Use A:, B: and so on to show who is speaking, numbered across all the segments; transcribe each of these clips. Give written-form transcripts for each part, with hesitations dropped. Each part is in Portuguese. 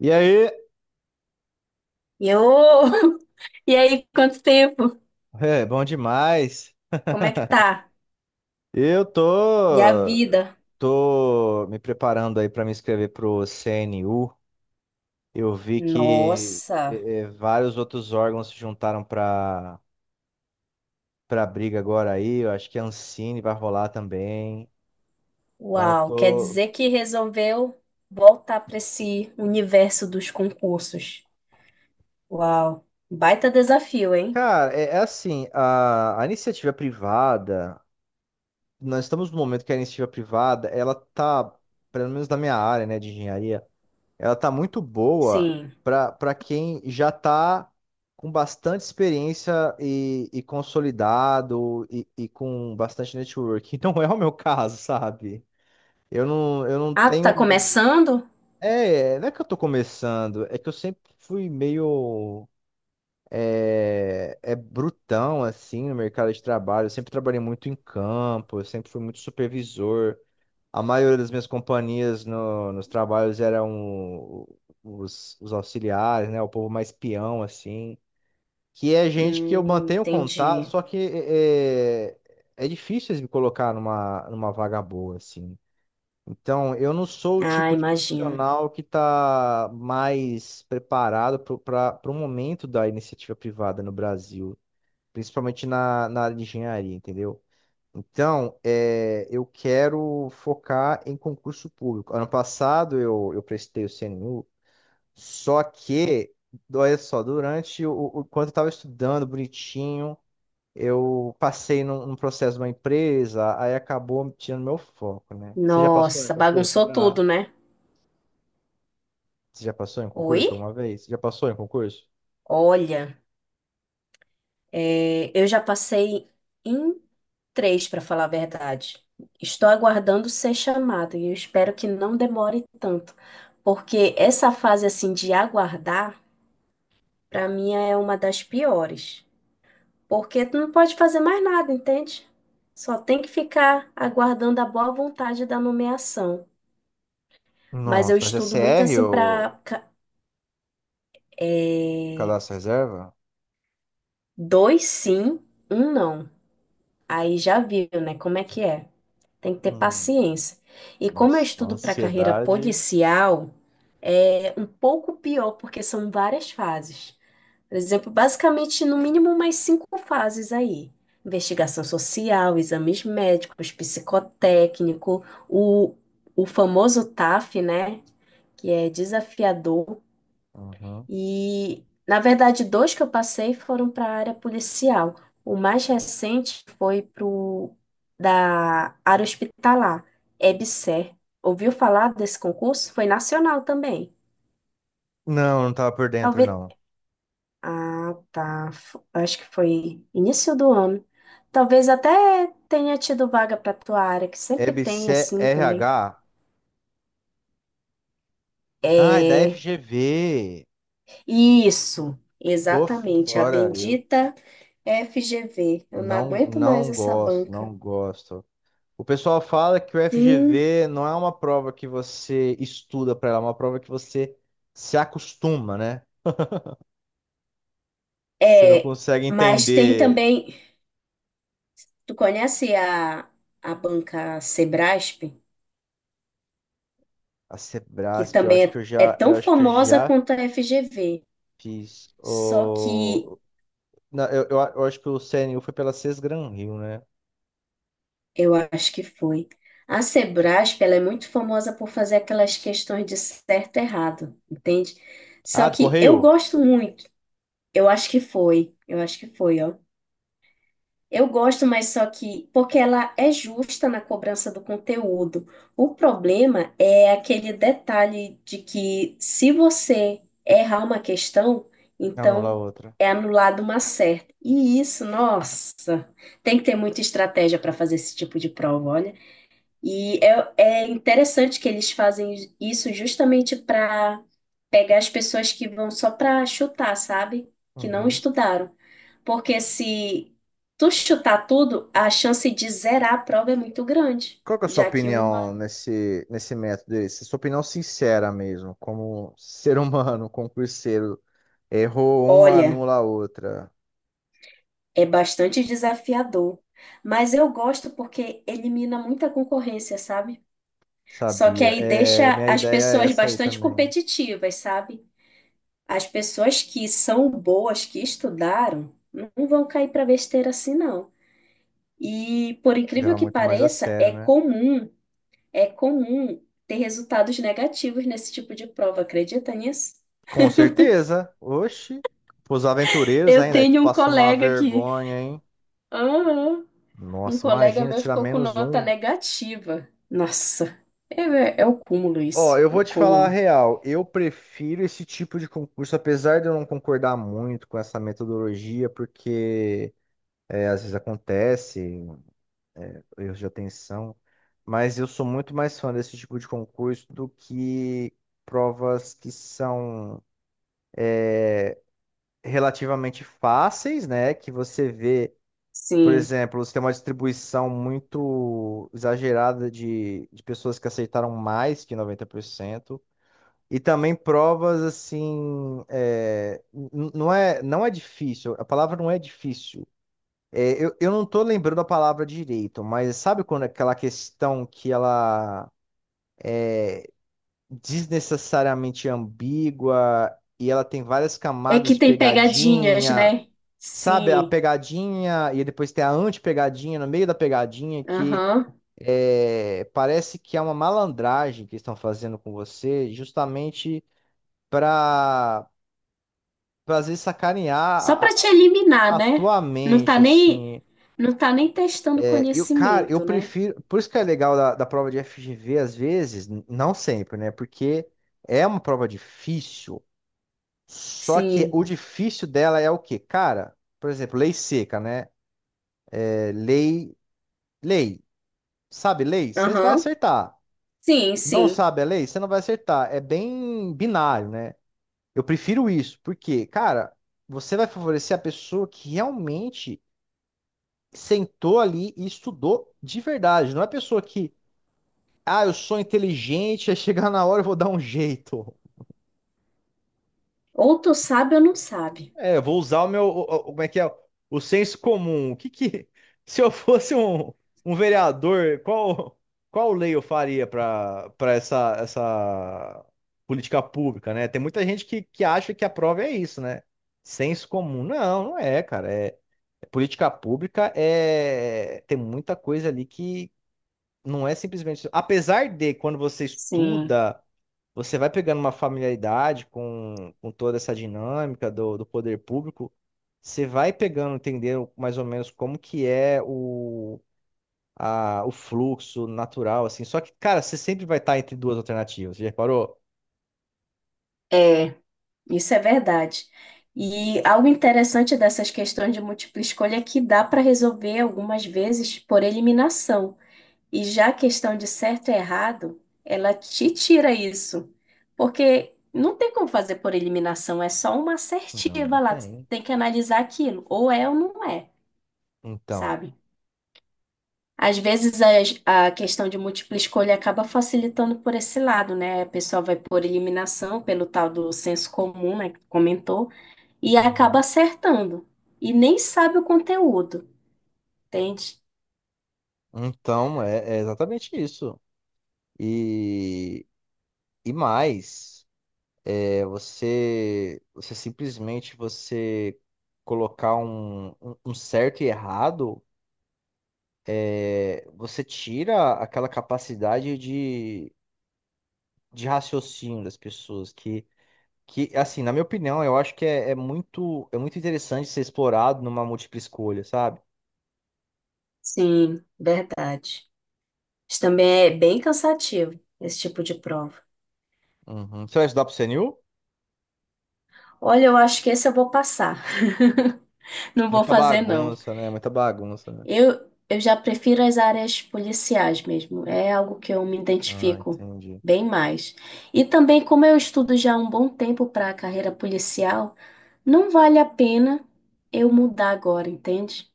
A: E aí?
B: E eu, e aí, quanto tempo?
A: É, bom demais.
B: Como é que tá?
A: Eu
B: E a
A: tô
B: vida?
A: tô me preparando aí para me inscrever pro CNU. Eu vi que
B: Nossa,
A: vários outros órgãos se juntaram para briga agora aí. Eu acho que a Ancine vai rolar também. Então eu
B: uau, quer
A: tô,
B: dizer que resolveu voltar para esse universo dos concursos. Uau, baita desafio, hein?
A: cara, é assim, a iniciativa privada, nós estamos no momento que a iniciativa privada, ela tá, pelo menos na minha área, né, de engenharia ela tá muito boa
B: Sim.
A: para quem já tá com bastante experiência e consolidado e com bastante network. E não é o meu caso, sabe? Eu não
B: Ah, tu tá
A: tenho.
B: começando?
A: É, não é que eu tô começando, é que eu sempre fui meio. É brutão assim no mercado de trabalho. Eu sempre trabalhei muito em campo, eu sempre fui muito supervisor. A maioria das minhas companhias nos trabalhos eram os auxiliares, né? O povo mais peão, assim. Que é gente que eu mantenho contato,
B: Entendi.
A: só que é difícil eles me colocar numa vaga boa, assim. Então, eu não sou o
B: Ah,
A: tipo de
B: imagino.
A: profissional que está mais preparado para o momento da iniciativa privada no Brasil, principalmente na área de engenharia, entendeu? Então, eu quero focar em concurso público. Ano passado eu prestei o CNU, só que, olha só, durante enquanto eu estava estudando bonitinho, eu passei num processo de uma empresa, aí acabou tirando meu foco, né? Você já passou em
B: Nossa,
A: concurso?
B: bagunçou
A: Já.
B: tudo, né?
A: Você já passou em
B: Oi?
A: concurso alguma vez? Você já passou em concurso?
B: Olha, eu já passei em três, para falar a verdade. Estou aguardando ser chamado e eu espero que não demore tanto, porque essa fase assim de aguardar, para mim é uma das piores, porque tu não pode fazer mais nada, entende? Só tem que ficar aguardando a boa vontade da nomeação. Mas eu
A: Nossa, mas é
B: estudo muito
A: CR
B: assim
A: ou
B: para
A: cadastro reserva?
B: dois sim, um não. Aí já viu, né? Como é que é? Tem que ter
A: Hum,
B: paciência. E como eu
A: nossa,
B: estudo para carreira
A: ansiedade.
B: policial, é um pouco pior, porque são várias fases. Por exemplo, basicamente, no mínimo, mais cinco fases aí. Investigação social, exames médicos, psicotécnico, o, o famoso TAF, né? Que é desafiador.
A: Uhum.
B: E, na verdade, dois que eu passei foram para a área policial. O mais recente foi pro da área hospitalar, EBSER. Ouviu falar desse concurso? Foi nacional também.
A: Não, não tava por dentro,
B: Talvez,
A: não.
B: ah, tá. Acho que foi início do ano. Talvez até tenha tido vaga para tua área, que sempre tem
A: EBC
B: assim também.
A: RH? Ah, é da
B: É,
A: FGV.
B: isso,
A: Tô
B: exatamente, a
A: fora, eu
B: bendita FGV. Eu não
A: não,
B: aguento mais
A: não
B: essa
A: gosto,
B: banca.
A: não gosto. O pessoal fala que o
B: Sim,
A: FGV não é uma prova que você estuda para ela, é uma prova que você se acostuma, né? Você não
B: é,
A: consegue
B: mas tem
A: entender
B: também, tu conhece a banca Sebrasp,
A: a
B: que
A: Sebrasp,
B: também é
A: eu
B: tão
A: acho que eu
B: famosa
A: já
B: quanto a FGV,
A: fiz
B: só que
A: o não, eu acho que o CNU foi pela Sesgran Rio, né?
B: eu acho que foi. A Sebrasp, ela é muito famosa por fazer aquelas questões de certo e errado, entende?
A: Ah,
B: Só
A: do
B: que eu
A: Correio?
B: gosto muito. Eu acho que foi. Eu acho que foi, ó. Eu gosto, mas só que porque ela é justa na cobrança do conteúdo. O problema é aquele detalhe de que, se você errar uma questão,
A: Não, não, lá
B: então
A: outra.
B: é anulado uma certa. E isso, nossa, tem que ter muita estratégia para fazer esse tipo de prova, olha. E é interessante que eles fazem isso justamente para pegar as pessoas que vão só para chutar, sabe? Que não
A: Uhum.
B: estudaram. Porque se tu chutar tudo, a chance de zerar a prova é muito grande,
A: Qual que é a sua
B: já que
A: opinião
B: uma,
A: nesse método? Essa sua opinião sincera mesmo, como ser humano, concurseiro. Errou uma,
B: olha,
A: anula a outra.
B: é bastante desafiador. Mas eu gosto porque elimina muita concorrência, sabe? Só que
A: Sabia.
B: aí
A: É,
B: deixa
A: minha
B: as
A: ideia é
B: pessoas
A: essa aí
B: bastante
A: também.
B: competitivas, sabe? As pessoas que são boas, que estudaram, não vão cair para besteira assim, não. E, por incrível
A: Levar
B: que
A: muito mais a
B: pareça,
A: sério, né?
B: é comum ter resultados negativos nesse tipo de prova, acredita nisso?
A: Com certeza. Oxi. Os aventureiros
B: Eu
A: ainda, aí tu
B: tenho um
A: passa uma
B: colega que...
A: vergonha, hein?
B: Aham. Um
A: Nossa,
B: colega
A: imagina
B: meu
A: tirar
B: ficou com
A: menos
B: nota
A: um.
B: negativa. Nossa, é o cúmulo
A: Ó,
B: isso,
A: eu vou
B: o
A: te falar a
B: cúmulo.
A: real. Eu prefiro esse tipo de concurso, apesar de eu não concordar muito com essa metodologia, porque às vezes acontece erros de atenção, mas eu sou muito mais fã desse tipo de concurso do que provas que são relativamente fáceis, né? Que você vê, por
B: Sim.
A: exemplo, você tem uma distribuição muito exagerada de pessoas que aceitaram mais que 90%. E também provas assim, não é difícil, a palavra não é difícil. Eu não tô lembrando a palavra direito, mas sabe quando é aquela questão que ela desnecessariamente ambígua e ela tem várias
B: É
A: camadas
B: que
A: de
B: tem pegadinhas,
A: pegadinha,
B: né?
A: sabe? A
B: Sim.
A: pegadinha e depois tem a anti-pegadinha no meio da pegadinha que
B: Aham.
A: parece que é uma malandragem que estão fazendo com você, justamente para pra às vezes sacanear
B: Só para te eliminar,
A: a
B: né?
A: tua
B: Não tá
A: mente,
B: nem,
A: assim.
B: não tá nem testando
A: Eu, cara, eu
B: conhecimento, né?
A: prefiro. Por isso que é legal da prova de FGV, às vezes, não sempre, né? Porque é uma prova difícil, só que
B: Sim.
A: o difícil dela é o quê? Cara, por exemplo, lei seca, né? Lei. Lei. Sabe lei? Você vai
B: Aham.
A: acertar.
B: Sim,
A: Não
B: sim.
A: sabe a lei? Você não vai acertar. É bem binário, né? Eu prefiro isso, porque, cara, você vai favorecer a pessoa que realmente sentou ali e estudou de verdade. Não é pessoa que, ah, eu sou inteligente, aí chegar na hora eu vou dar um jeito.
B: Ou tu sabe ou não sabe.
A: Eu vou usar o meu, como é que é? O senso comum. O que que, se eu fosse um vereador, qual lei eu faria para essa política pública, né? Tem muita gente que acha que a prova é isso, né? Senso comum. Não, não é, cara. Política pública tem muita coisa ali que não é simplesmente. Apesar de, quando você
B: Sim.
A: estuda, você vai pegando uma familiaridade com toda essa dinâmica do poder público, você vai pegando, entendendo mais ou menos como que é o fluxo natural, assim. Só que, cara, você sempre vai estar entre duas alternativas. Você já reparou?
B: É, isso é verdade. E algo interessante dessas questões de múltipla escolha é que dá para resolver algumas vezes por eliminação. E já a questão de certo e errado, ela te tira isso. Porque não tem como fazer por eliminação, é só uma
A: Não, não
B: assertiva lá. Tu
A: tem.
B: tem que analisar aquilo, ou é ou não é,
A: Então.
B: sabe? Às vezes a questão de múltipla escolha acaba facilitando por esse lado, né? A pessoa vai por eliminação, pelo tal do senso comum, né, que tu comentou, e acaba
A: Uhum.
B: acertando. E nem sabe o conteúdo, entende?
A: Então, é exatamente isso. E, e mais. É você, você simplesmente você colocar um certo e errado, você tira aquela capacidade de raciocínio das pessoas que assim, na minha opinião, eu acho que é muito interessante ser explorado numa múltipla escolha, sabe?
B: Sim, verdade. Isso também é bem cansativo, esse tipo de prova.
A: Uhum. Você vai estudar pro CNU?
B: Olha, eu acho que esse eu vou passar. Não vou
A: Muita
B: fazer, não.
A: bagunça, né? Muita bagunça, né?
B: Eu já prefiro as áreas policiais mesmo. É algo que eu me
A: Ah,
B: identifico
A: entendi.
B: bem mais. E também, como eu estudo já há um bom tempo para a carreira policial, não vale a pena eu mudar agora, entende?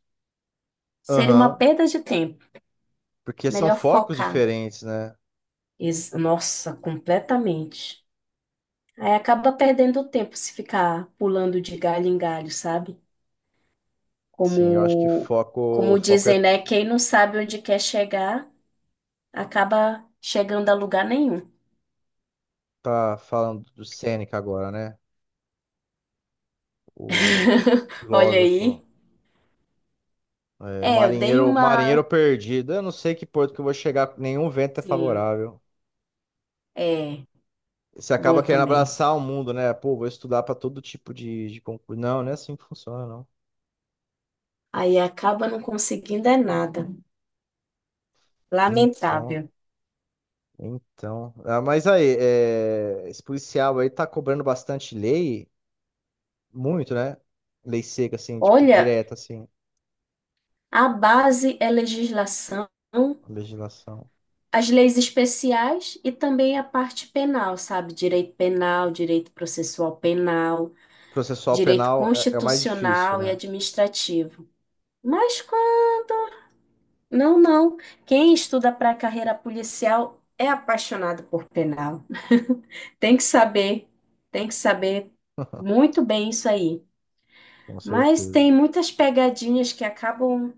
B: Seria uma
A: Aham.
B: perda de tempo.
A: Porque são
B: Melhor
A: focos
B: focar.
A: diferentes, né?
B: Nossa, completamente. Aí acaba perdendo o tempo se ficar pulando de galho em galho, sabe?
A: Sim, eu acho que
B: Como,
A: foco,
B: como
A: foco é
B: dizem, né? Quem não sabe onde quer chegar, acaba chegando a lugar nenhum.
A: tá falando do Sêneca agora, né? O
B: Olha aí.
A: filósofo, é, o
B: É, eu dei
A: marinheiro, o marinheiro
B: uma.
A: perdido. Eu não sei que porto que eu vou chegar, nenhum vento é
B: Sim,
A: favorável.
B: é
A: Você acaba
B: bom
A: querendo
B: também.
A: abraçar o mundo, né? Pô, vou estudar para todo tipo de concurso. Não, não é assim que funciona, não.
B: Aí acaba não conseguindo é nada.
A: Então,
B: Lamentável.
A: então. Ah, mas aí, esse policial aí tá cobrando bastante lei, muito, né? Lei seca, assim, tipo,
B: Olha,
A: direta, assim,
B: a base é legislação,
A: legislação.
B: as leis especiais e também a parte penal, sabe? Direito penal, direito processual penal,
A: Processual
B: direito
A: penal é o mais difícil,
B: constitucional e
A: né?
B: administrativo. Mas com... não, não. Quem estuda para a carreira policial é apaixonado por penal. Tem que saber, tem que saber muito bem isso aí.
A: Com
B: Mas
A: certeza.
B: tem muitas pegadinhas que acabam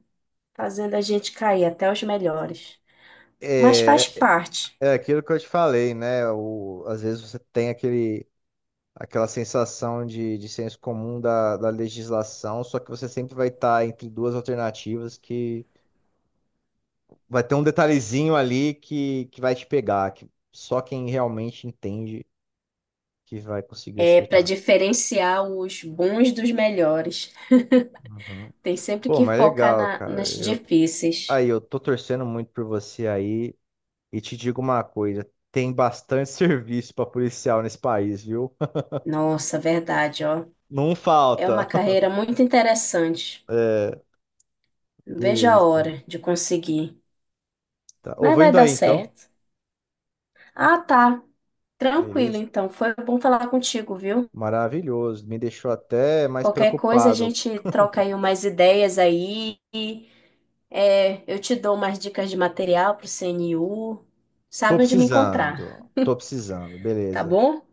B: fazendo a gente cair, até os melhores. Mas faz
A: É, é
B: parte.
A: é aquilo que eu te falei, né? O, às vezes você tem aquela sensação de senso comum da legislação, só que você sempre vai estar entre duas alternativas que vai ter um detalhezinho ali que vai te pegar, que só quem realmente entende que vai conseguir
B: É, para
A: acertar.
B: diferenciar os bons dos melhores.
A: Uhum.
B: Tem sempre
A: Pô,
B: que
A: mas
B: focar
A: legal, cara.
B: nas
A: Eu,
B: difíceis.
A: aí, eu tô torcendo muito por você aí e te digo uma coisa, tem bastante serviço pra policial nesse país, viu?
B: Nossa, verdade, ó.
A: Não
B: É uma
A: falta.
B: carreira muito interessante.
A: É.
B: Não vejo
A: Beleza,
B: a
A: então.
B: hora de conseguir,
A: Tá. Ô,
B: mas
A: vou
B: vai
A: indo
B: dar
A: aí, então.
B: certo. Ah, tá. Tranquilo,
A: Beleza.
B: então. Foi bom falar contigo, viu?
A: Maravilhoso. Me deixou até mais
B: Qualquer coisa a
A: preocupado.
B: gente troca aí umas ideias aí. É, eu te dou umas dicas de material pro CNU.
A: Tô
B: Sabe onde me encontrar,
A: precisando. Tô precisando.
B: tá
A: Beleza.
B: bom?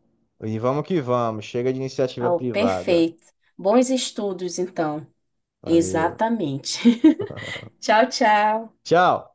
A: E vamos que vamos. Chega de iniciativa
B: Oh,
A: privada.
B: perfeito. Bons estudos, então.
A: Valeu.
B: Exatamente. Tchau, tchau.
A: Tchau.